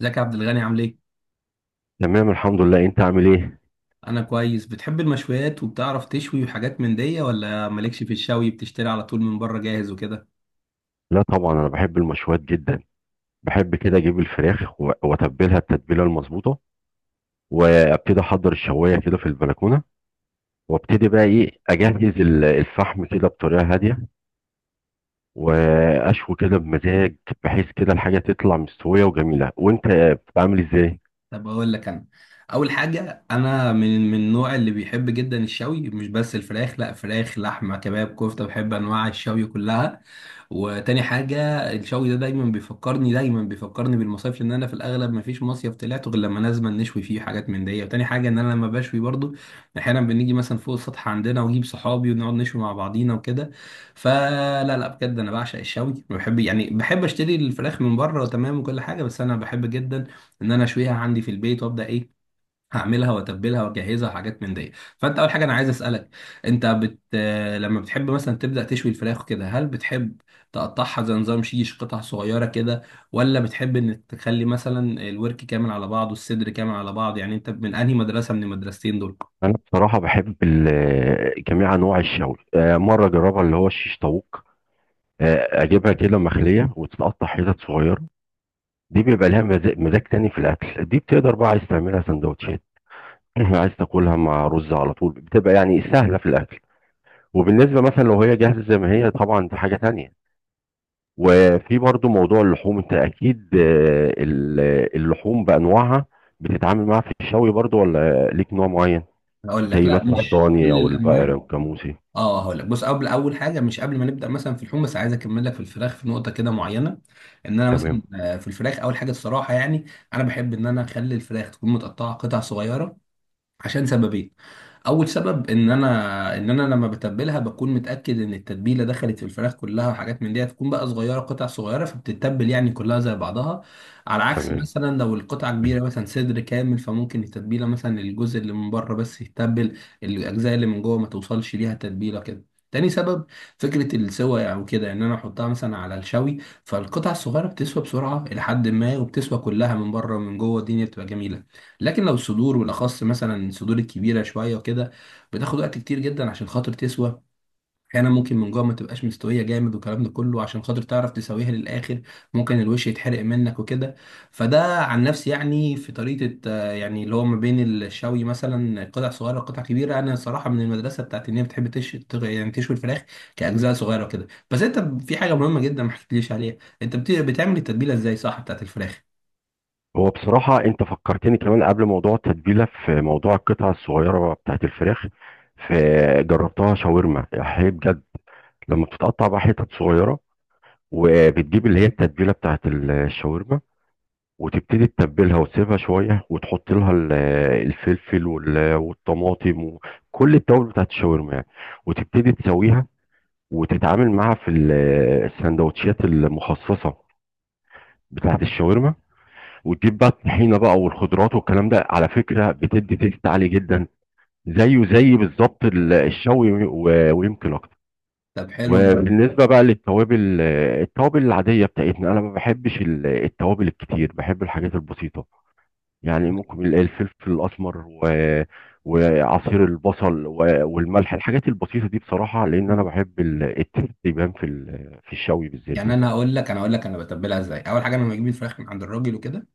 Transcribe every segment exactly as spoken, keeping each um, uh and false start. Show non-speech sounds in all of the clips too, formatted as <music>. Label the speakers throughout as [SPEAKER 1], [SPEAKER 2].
[SPEAKER 1] ازيك يا عبد الغني، عامل ايه؟
[SPEAKER 2] تمام، الحمد لله. انت عامل ايه؟
[SPEAKER 1] انا كويس. بتحب المشويات وبتعرف تشوي وحاجات من دي، ولا مالكش في الشوي بتشتري على طول من بره جاهز وكده؟
[SPEAKER 2] لا طبعا، انا بحب المشويات جدا. بحب كده اجيب الفراخ و- واتبلها التتبيله المظبوطه، وابتدي احضر الشوايه كده في البلكونه، وابتدي بقى ايه اجهز ال- الفحم كده بطريقه هاديه، واشوي كده بمزاج، بحيث كده الحاجه تطلع مستويه وجميله. وانت بتعمل ازاي؟
[SPEAKER 1] طب اقول لك انا. اول حاجه، انا من من النوع اللي بيحب جدا الشوي، مش بس الفراخ، لا، فراخ لحمه كباب كفته، بحب انواع الشوي كلها. وتاني حاجه، الشوي ده دايما بيفكرني دايما بيفكرني بالمصايف، لان انا في الاغلب ما فيش مصيف طلعته غير لما لازم نشوي فيه حاجات من دي. وتاني حاجه ان انا لما بشوي برضو احيانا بنيجي مثلا فوق السطح عندنا واجيب صحابي ونقعد نشوي مع بعضينا وكده. فلا لا بجد، انا بعشق الشوي، بحب، يعني بحب اشتري الفراخ من بره تمام وكل حاجه، بس انا بحب جدا ان انا اشويها عندي في البيت، وابدا ايه، هعملها واتبلها واجهزها وحاجات من دي. فانت، اول حاجه انا عايز اسالك، انت بت... آه، لما بتحب مثلا تبدا تشوي الفراخ كده، هل بتحب تقطعها زي نظام شيش قطع صغيره كده، ولا بتحب ان تخلي مثلا الورك كامل على بعضه، الصدر كامل على بعض؟ يعني انت من انهي مدرسه من المدرستين دول؟
[SPEAKER 2] انا بصراحه بحب ال- جميع انواع الشوي. آه، مره اجربها اللي هو الشيش طاووق. آه، اجيبها كده مخليه وتتقطع حتت صغيره، دي بيبقى لها مزاج مزاج تاني في الاكل. دي بتقدر بقى عايز تعملها سندوتشات، <clears throat> عايز تاكلها مع رز على طول، بتبقى يعني سهله في الاكل. وبالنسبه مثلا لو هي جاهزه زي ما هي طبعا، دي حاجه تانية. وفي برضو موضوع اللحوم، انت اكيد آه، ال- اللحوم بانواعها بتتعامل معاها في الشوي برضو، ولا ليك نوع معين؟
[SPEAKER 1] هقول لك،
[SPEAKER 2] زي
[SPEAKER 1] لا
[SPEAKER 2] مثلا
[SPEAKER 1] مش
[SPEAKER 2] الضاني
[SPEAKER 1] كل
[SPEAKER 2] او
[SPEAKER 1] الانواع.
[SPEAKER 2] البقري والجاموسي.
[SPEAKER 1] اه، هقول لك، بص، قبل، اول حاجه، مش قبل ما نبدا مثلا في اللحوم، بس عايز اكمل لك في الفراخ في نقطه كده معينه. ان انا مثلا
[SPEAKER 2] تمام.
[SPEAKER 1] آه، في الفراخ، اول حاجه الصراحه يعني، انا بحب ان انا اخلي الفراخ تكون متقطعه قطع صغيره، عشان سببين. اول سبب، ان انا ان انا لما بتبلها بكون متاكد ان التتبيله دخلت في الفراخ كلها وحاجات من دي، تكون بقى صغيره قطع صغيره، فبتتبل يعني كلها زي بعضها. على عكس
[SPEAKER 2] تمام.
[SPEAKER 1] مثلا لو القطعه كبيره، مثلا صدر كامل، فممكن التتبيله مثلا الجزء اللي من بره بس يتبل، الاجزاء اللي من جوه ما توصلش ليها تتبيله كده. تاني سبب، فكرة السوى يعني وكده، ان انا احطها مثلا على الشوي. فالقطع الصغيرة بتسوى بسرعة الى حد ما، وبتسوى كلها من بره ومن جوه، الدنيا بتبقى جميلة. لكن لو الصدور، بالاخص مثلا الصدور الكبيره شويه وكده، بتاخد وقت كتير جدا عشان خاطر تسوى. احيانا ممكن من جوه ما تبقاش مستويه جامد، والكلام ده كله عشان خاطر تعرف تسويها للاخر، ممكن الوش يتحرق منك وكده. فده عن نفسي يعني، في طريقه آه، يعني اللي هو ما بين الشوي مثلا قطع صغيره وقطع كبيره، انا صراحه من المدرسه بتاعت ان هي بتحب تش... تغ- يعني تشوي الفراخ كاجزاء صغيره وكده. بس انت، في حاجه مهمه جدا ما حكيتليش عليها، انت بت... بتعمل التتبيله ازاي، صح، بتاعت الفراخ؟
[SPEAKER 2] هو بصراحة أنت فكرتني كمان قبل موضوع التتبيلة في موضوع القطع الصغيرة بتاعت الفراخ، فجربتها شاورما هي بجد. لما بتتقطع بقى حتت صغيرة، وبتجيب اللي هي التتبيلة بتاعت الشاورما، وتبتدي تتبلها وتسيبها شوية وتحط لها ال- الفلفل وال- والطماطم وكل التوابل بتاعت الشاورما يعني، وتبتدي تسويها وتتعامل معاها في ال- السندوتشات المخصصة بتاعت الشاورما، وتجيب بقى الطحينه بقى والخضروات والكلام ده. على فكره بتدي تيست عالي جدا، زيه زي بالظبط ال- الشوي و- ويمكن اكتر.
[SPEAKER 1] طب حلو.
[SPEAKER 2] وبالنسبه بقى للتوابل، آه، التوابل العاديه بتاعتنا، انا ما بحبش ال- التوابل الكتير، بحب الحاجات البسيطه. يعني ممكن ال- الفلفل الاسمر و وعصير البصل و- والملح، الحاجات البسيطه دي بصراحه، لان انا بحب ال- التيست يبان في ال- في الشوي بالذات
[SPEAKER 1] يعني
[SPEAKER 2] يعني.
[SPEAKER 1] انا اقول لك، انا اقول لك انا بتبلها ازاي. اول حاجه، انا لما بجيب الفراخ من عند الراجل وكده،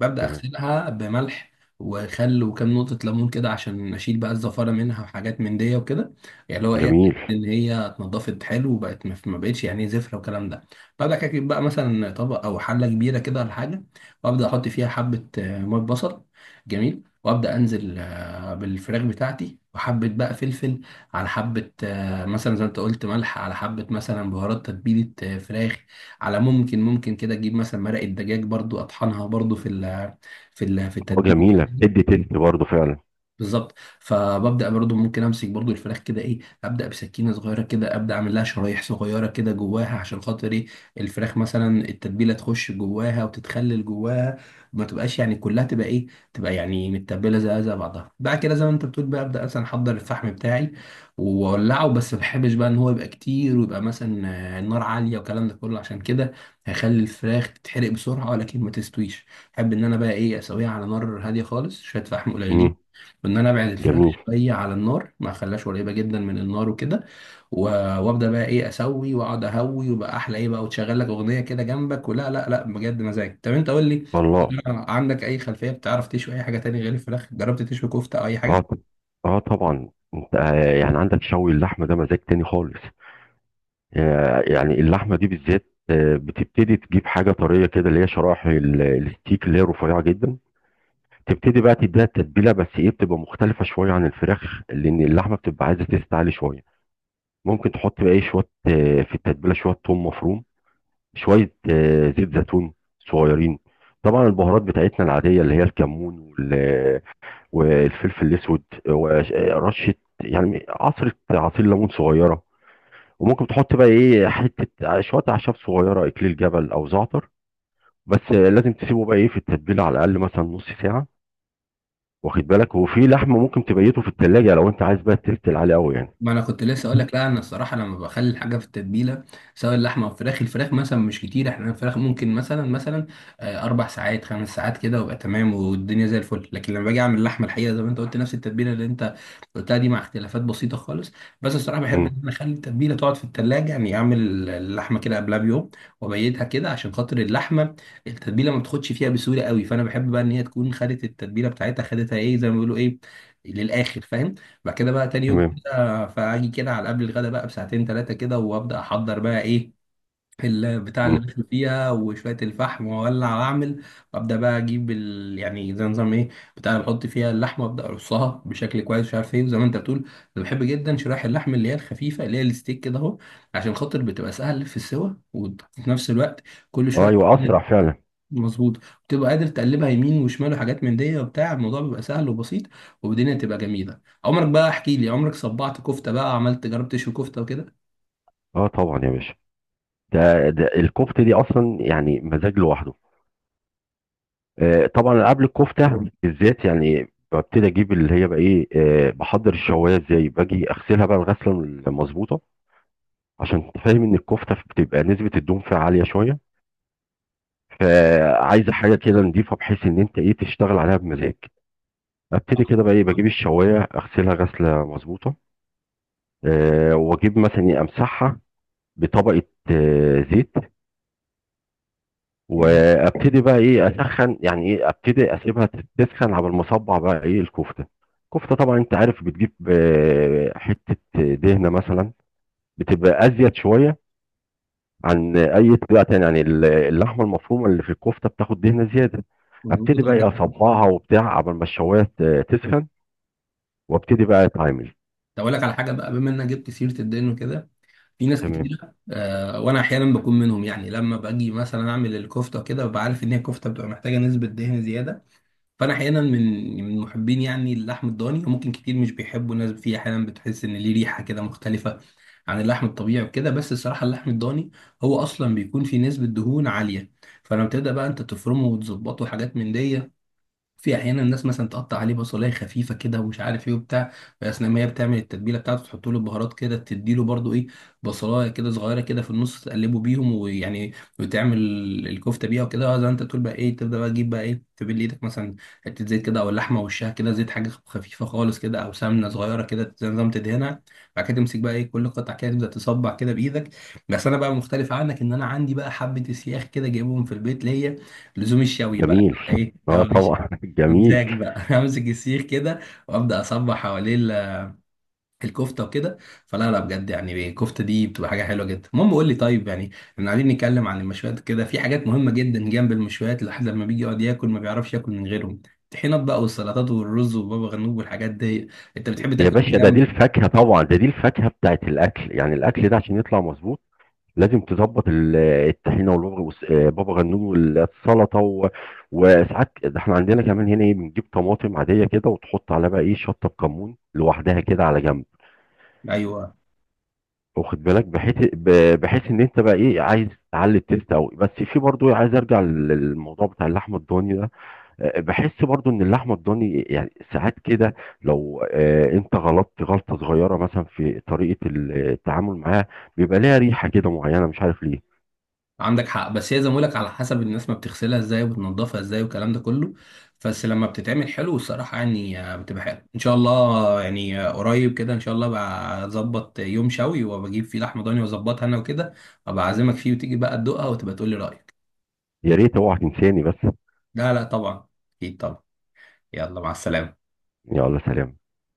[SPEAKER 1] ببدا
[SPEAKER 2] تمام.
[SPEAKER 1] اغسلها بملح وخل وكام نقطه ليمون كده، عشان اشيل بقى الزفاره منها وحاجات من دي وكده. يعني اللي هو ايه، أتأكد
[SPEAKER 2] جميل.
[SPEAKER 1] ان هي اتنضفت حلو، وبقت ما ما بقتش يعني زفره والكلام ده. ببدا كده اجيب بقى مثلا طبق او حله كبيره كده ولا حاجه، وابدا احط فيها حبه آه، ميه بصل. جميل. وابدا انزل آه، بالفراخ بتاعتي، وحبه بقى فلفل على حبه آه، مثلا زي ما انت قلت ملح، على حبة مثلا بهارات تتبيلة آه، فراخ، على ممكن، ممكن كده تجيب مثلا مرقة دجاج برضو، اطحنها برضو في ال، في ال في
[SPEAKER 2] اه
[SPEAKER 1] التتبيل.
[SPEAKER 2] جميله، بتدي تيست برضه فعلا.
[SPEAKER 1] بالظبط. فببدا برضو ممكن امسك برضو الفراخ كده ايه، ابدا بسكينه صغيره كده، ابدا اعمل لها شرايح صغيره كده جواها، عشان خاطر ايه، الفراخ مثلا التتبيله تخش جواها وتتخلل جواها، ما تبقاش يعني كلها تبقى ايه، تبقى يعني متبله زي زي بعضها. بعد كده، زي ما انت بتقول بقى، ابدا مثلا احضر الفحم بتاعي واولعه، بس ما بحبش بقى ان هو يبقى كتير ويبقى مثلا آه، النار عاليه، والكلام ده كله عشان كده هيخلي الفراخ تتحرق بسرعه ولكن ما تستويش. احب ان انا بقى ايه، اسويها على نار هاديه خالص، شويه فحم
[SPEAKER 2] امم.
[SPEAKER 1] قليلين، ان انا ابعد الفراخ
[SPEAKER 2] جميل.
[SPEAKER 1] شويه على النار، ما اخليهاش قريبه جدا من النار وكده. و- وابدا بقى ايه اسوي واقعد اهوي، وبقى احلى ايه بقى، وتشغل لك اغنيه كده جنبك. ولا، لا لا بجد مزاج. طب انت قول لي،
[SPEAKER 2] والله.
[SPEAKER 1] عندك اي خلفيه بتعرف تشوي اي حاجه تاني غير الفراخ؟ جربت تشوي كفته او اي حاجه؟
[SPEAKER 2] اه. اه طبعا. انت آه، يعني عندك شوي اللحمه ده مزاج تاني خالص. آه، يعني اللحمه دي بالذات آه، بتبتدي تجيب حاجه طريه كده، اللي هي شرايح ال- الستيك اللي هي رفيعه جدا. تبتدي بقى تديها التتبيله، بس ايه بتبقى مختلفه شويه عن الفراخ، لان اللحمه بتبقى عايزه تستعلي شويه. ممكن تحط بقى ايه شويه آه، في التتبيله، شويه ثوم مفروم، شويه آه، زيت زيتون صغيرين. طبعا البهارات بتاعتنا العاديه اللي هي الكمون والفلفل الاسود، وش- رشه يعني عصره عصير ليمون صغيره، وممكن تحط بقى ايه حته شويه اعشاب صغيره، اكليل جبل او زعتر. بس لازم تسيبه بقى ايه في التتبيله على الاقل مثلا نص ساعه. واخد بالك، وفي لحمه ممكن تبيته في التلاجة لو انت عايز بقى تفتل عليه قوي يعني.
[SPEAKER 1] ما انا كنت لسه اقول لك. لا انا الصراحه لما بخلي الحاجه في التتبيله، سواء اللحمه او الفراخ، الفراخ مثلا مش كتير، احنا الفراخ ممكن مثلا مثلا آه، اربع ساعات خمس ساعات كده وابقى تمام والدنيا زي الفل. لكن لما باجي اعمل اللحمه، الحقيقه زي ما انت قلت، نفس التتبيله اللي انت قلتها دي مع اختلافات بسيطه خالص. بس الصراحه بحب
[SPEAKER 2] امم.
[SPEAKER 1] ان انا اخلي التتبيله تقعد في التلاجة، يعني اعمل اللحمه كده قبلها بيوم وابيتها كده، عشان خاطر اللحمه التتبيله ما بتاخدش فيها بسهوله قوي، فانا بحب بقى ان هي تكون خدت التتبيله بتاعتها، خدتها ايه، زي ما بيقولوا ايه، للاخر، فاهم. بعد كده بقى تاني يوم
[SPEAKER 2] تمام.
[SPEAKER 1] آه، فاجي كده على قبل الغدا بقى بساعتين ثلاثه كده، وابدا احضر بقى ايه البتاع اللي
[SPEAKER 2] امم.
[SPEAKER 1] بشوي فيها، وشويه الفحم، واولع واعمل. وابدا بقى اجيب ال... يعني زي نظام ايه، بتاع اللي بحط فيها اللحمه، وابدا ارصها بشكل كويس، مش عارف ايه. زي ما انت بتقول، انا بحب جدا شرايح اللحم اللي هي الخفيفه، اللي هي الستيك كده اهو، عشان خاطر بتبقى سهل في السوا، وفي نفس الوقت كل شويه،
[SPEAKER 2] ايوه اسرع فعلا.
[SPEAKER 1] مظبوط، بتبقى قادر تقلبها يمين وشمال وحاجات من دي، وبتاع، الموضوع بيبقى سهل وبسيط والدنيا تبقى جميله. عمرك بقى، احكي لي، عمرك صبعت كفته بقى، عملت، جربت تشوي كفته وكده؟
[SPEAKER 2] اه طبعا يا باشا، ده ده الكفته دي اصلا يعني مزاج لوحده. آه، طبعا قبل الكفته بالذات يعني ببتدي اجيب اللي هي بقى ايه، آه، بحضر الشوايه ازاي. باجي اغسلها بقى الغسله المظبوطه، عشان فاهم ان الكفته بتبقى نسبه الدهون فيها عاليه شويه، فعايزه حاجه كده نضيفه، بحيث ان انت ايه تشتغل عليها بمزاج. ابتدي
[SPEAKER 1] <laughs>
[SPEAKER 2] كده بقى ايه
[SPEAKER 1] آه،
[SPEAKER 2] بجيب الشوايه اغسلها غسله مظبوطه. آه، واجيب مثلا إيه، امسحها بطبقه آه، زيت،
[SPEAKER 1] جميل.
[SPEAKER 2] وابتدي بقى ايه اسخن، يعني ايه ابتدي اسيبها تسخن على ما اصبع بقى ايه الكفته. الكفته طبعا انت عارف بتجيب آه، حته دهنه مثلا بتبقى ازيد شويه عن اي طريقه تانية، يعني ال- اللحمه المفرومه اللي في الكفته بتاخد دهنه زياده. ابتدي
[SPEAKER 1] مظبوط،
[SPEAKER 2] بقى
[SPEAKER 1] عندك
[SPEAKER 2] ايه
[SPEAKER 1] حق.
[SPEAKER 2] اصبعها وبتاع قبل ما الشوايه ت- تسخن، وابتدي بقى اتعامل.
[SPEAKER 1] طب اقول لك على حاجه بقى، بما انك جبت سيره الدين وكده، في ناس
[SPEAKER 2] تمام.
[SPEAKER 1] كتير، آه وانا احيانا بكون منهم، يعني لما باجي مثلا اعمل الكفته كده، ببقى عارف ان هي كفته بتبقى محتاجه نسبه دهن زياده، فانا احيانا من من محبين يعني اللحم الضاني، وممكن كتير مش بيحبوا، ناس فيه احيانا بتحس ان ليه ريحه كده مختلفه عن اللحم الطبيعي وكده. بس الصراحه اللحم الضاني هو اصلا بيكون فيه نسبه دهون عاليه، فلما تبدا بقى انت تفرمه وتظبطه وحاجات من دي، في احيانا الناس مثلا تقطع عليه بصلايه خفيفه كده ومش عارف ايه وبتاع، اثناء ما هي بتعمل التتبيله بتاعته تحط له البهارات كده، تديله برضو ايه بصلايه كده صغيره كده في النص، تقلبه بيهم ويعني وتعمل الكفته بيها وكده. آه، زي ما انت تقول بقى ايه، تبدا بقى تجيب بقى ايه، تبل ايدك مثلا حته زيت كده، او اللحمه وشها كده زيت، حاجه خفيفه خالص كده، او سمنه صغيره كده زي نظام تدهنها. بعد كده تمسك بقى ايه كل قطعه كده، تبدا تصبع كده بايدك. بس انا بقى مختلف عنك، ان انا عندي بقى حبه اسياخ كده جايبهم في البيت ليا لزوم الشوي بقى
[SPEAKER 2] جميل.
[SPEAKER 1] ايه
[SPEAKER 2] اه
[SPEAKER 1] اه.
[SPEAKER 2] طبعا <laughs> جميل.
[SPEAKER 1] مزاج بقى. <laughs> امسك السيخ كده، وابدا اصبح حواليه ال- الكفته وكده. فلا لا بجد يعني الكفته دي بتبقى حاجه حلوه جدا. المهم قول لي، طيب يعني احنا قاعدين نتكلم عن المشويات كده، في حاجات مهمه جدا جنب المشويات، الواحد لما بيجي يقعد ياكل ما بيعرفش ياكل من غيرهم، الطحينات بقى والسلطات والرز وبابا غنوج والحاجات دي، انت بتحب
[SPEAKER 2] يا
[SPEAKER 1] تاكل إيه
[SPEAKER 2] باشا، ده دي
[SPEAKER 1] جنب؟
[SPEAKER 2] الفاكهه طبعا، ده دي الفاكهه بتاعت الاكل يعني. الاكل ده عشان يطلع مظبوط لازم تظبط ال- الطحينه، والبابا والس- آه، بابا غنوج والسلطه. و... وساعات ده احنا عندنا كمان هنا ايه بنجيب طماطم عاديه كده وتحط عليها بقى ايه شطه بكمون لوحدها كده على جنب.
[SPEAKER 1] ايوه،
[SPEAKER 2] واخد بالك، بحيث ب- بحيث ان انت بقى ايه عايز تعلي التيست قوي. بس في برضو إيه، عايز ارجع لل- للموضوع بتاع اللحمه الضاني ده. آه، بحس برضو ان اللحمه الضاني يعني ساعات كده، لو آه، انت غلطت غلطه صغيره مثلا في طريقه التعامل معاها، بيبقى ليها ريحه كده معينه مش عارف ليه.
[SPEAKER 1] عندك حق. بس هي زي ما بقولك، على حسب الناس، ما بتغسلها ازاي وبتنضفها ازاي والكلام ده كله. بس لما بتتعمل حلو الصراحة، يعني آه، بتبقى حلو ان شاء الله. يعني آه، قريب كده ان شاء الله بقى اظبط يوم شوي، وبجيب فيه لحمة ضاني واظبطها انا وكده، ابقى اعزمك فيه وتيجي بقى تدوقها وتبقى تقولي رأيك.
[SPEAKER 2] يا ريت اوعى تنساني بس.
[SPEAKER 1] لا لا، طبعا، اكيد طبعا. يلا، مع السلامة.
[SPEAKER 2] يلا سلام.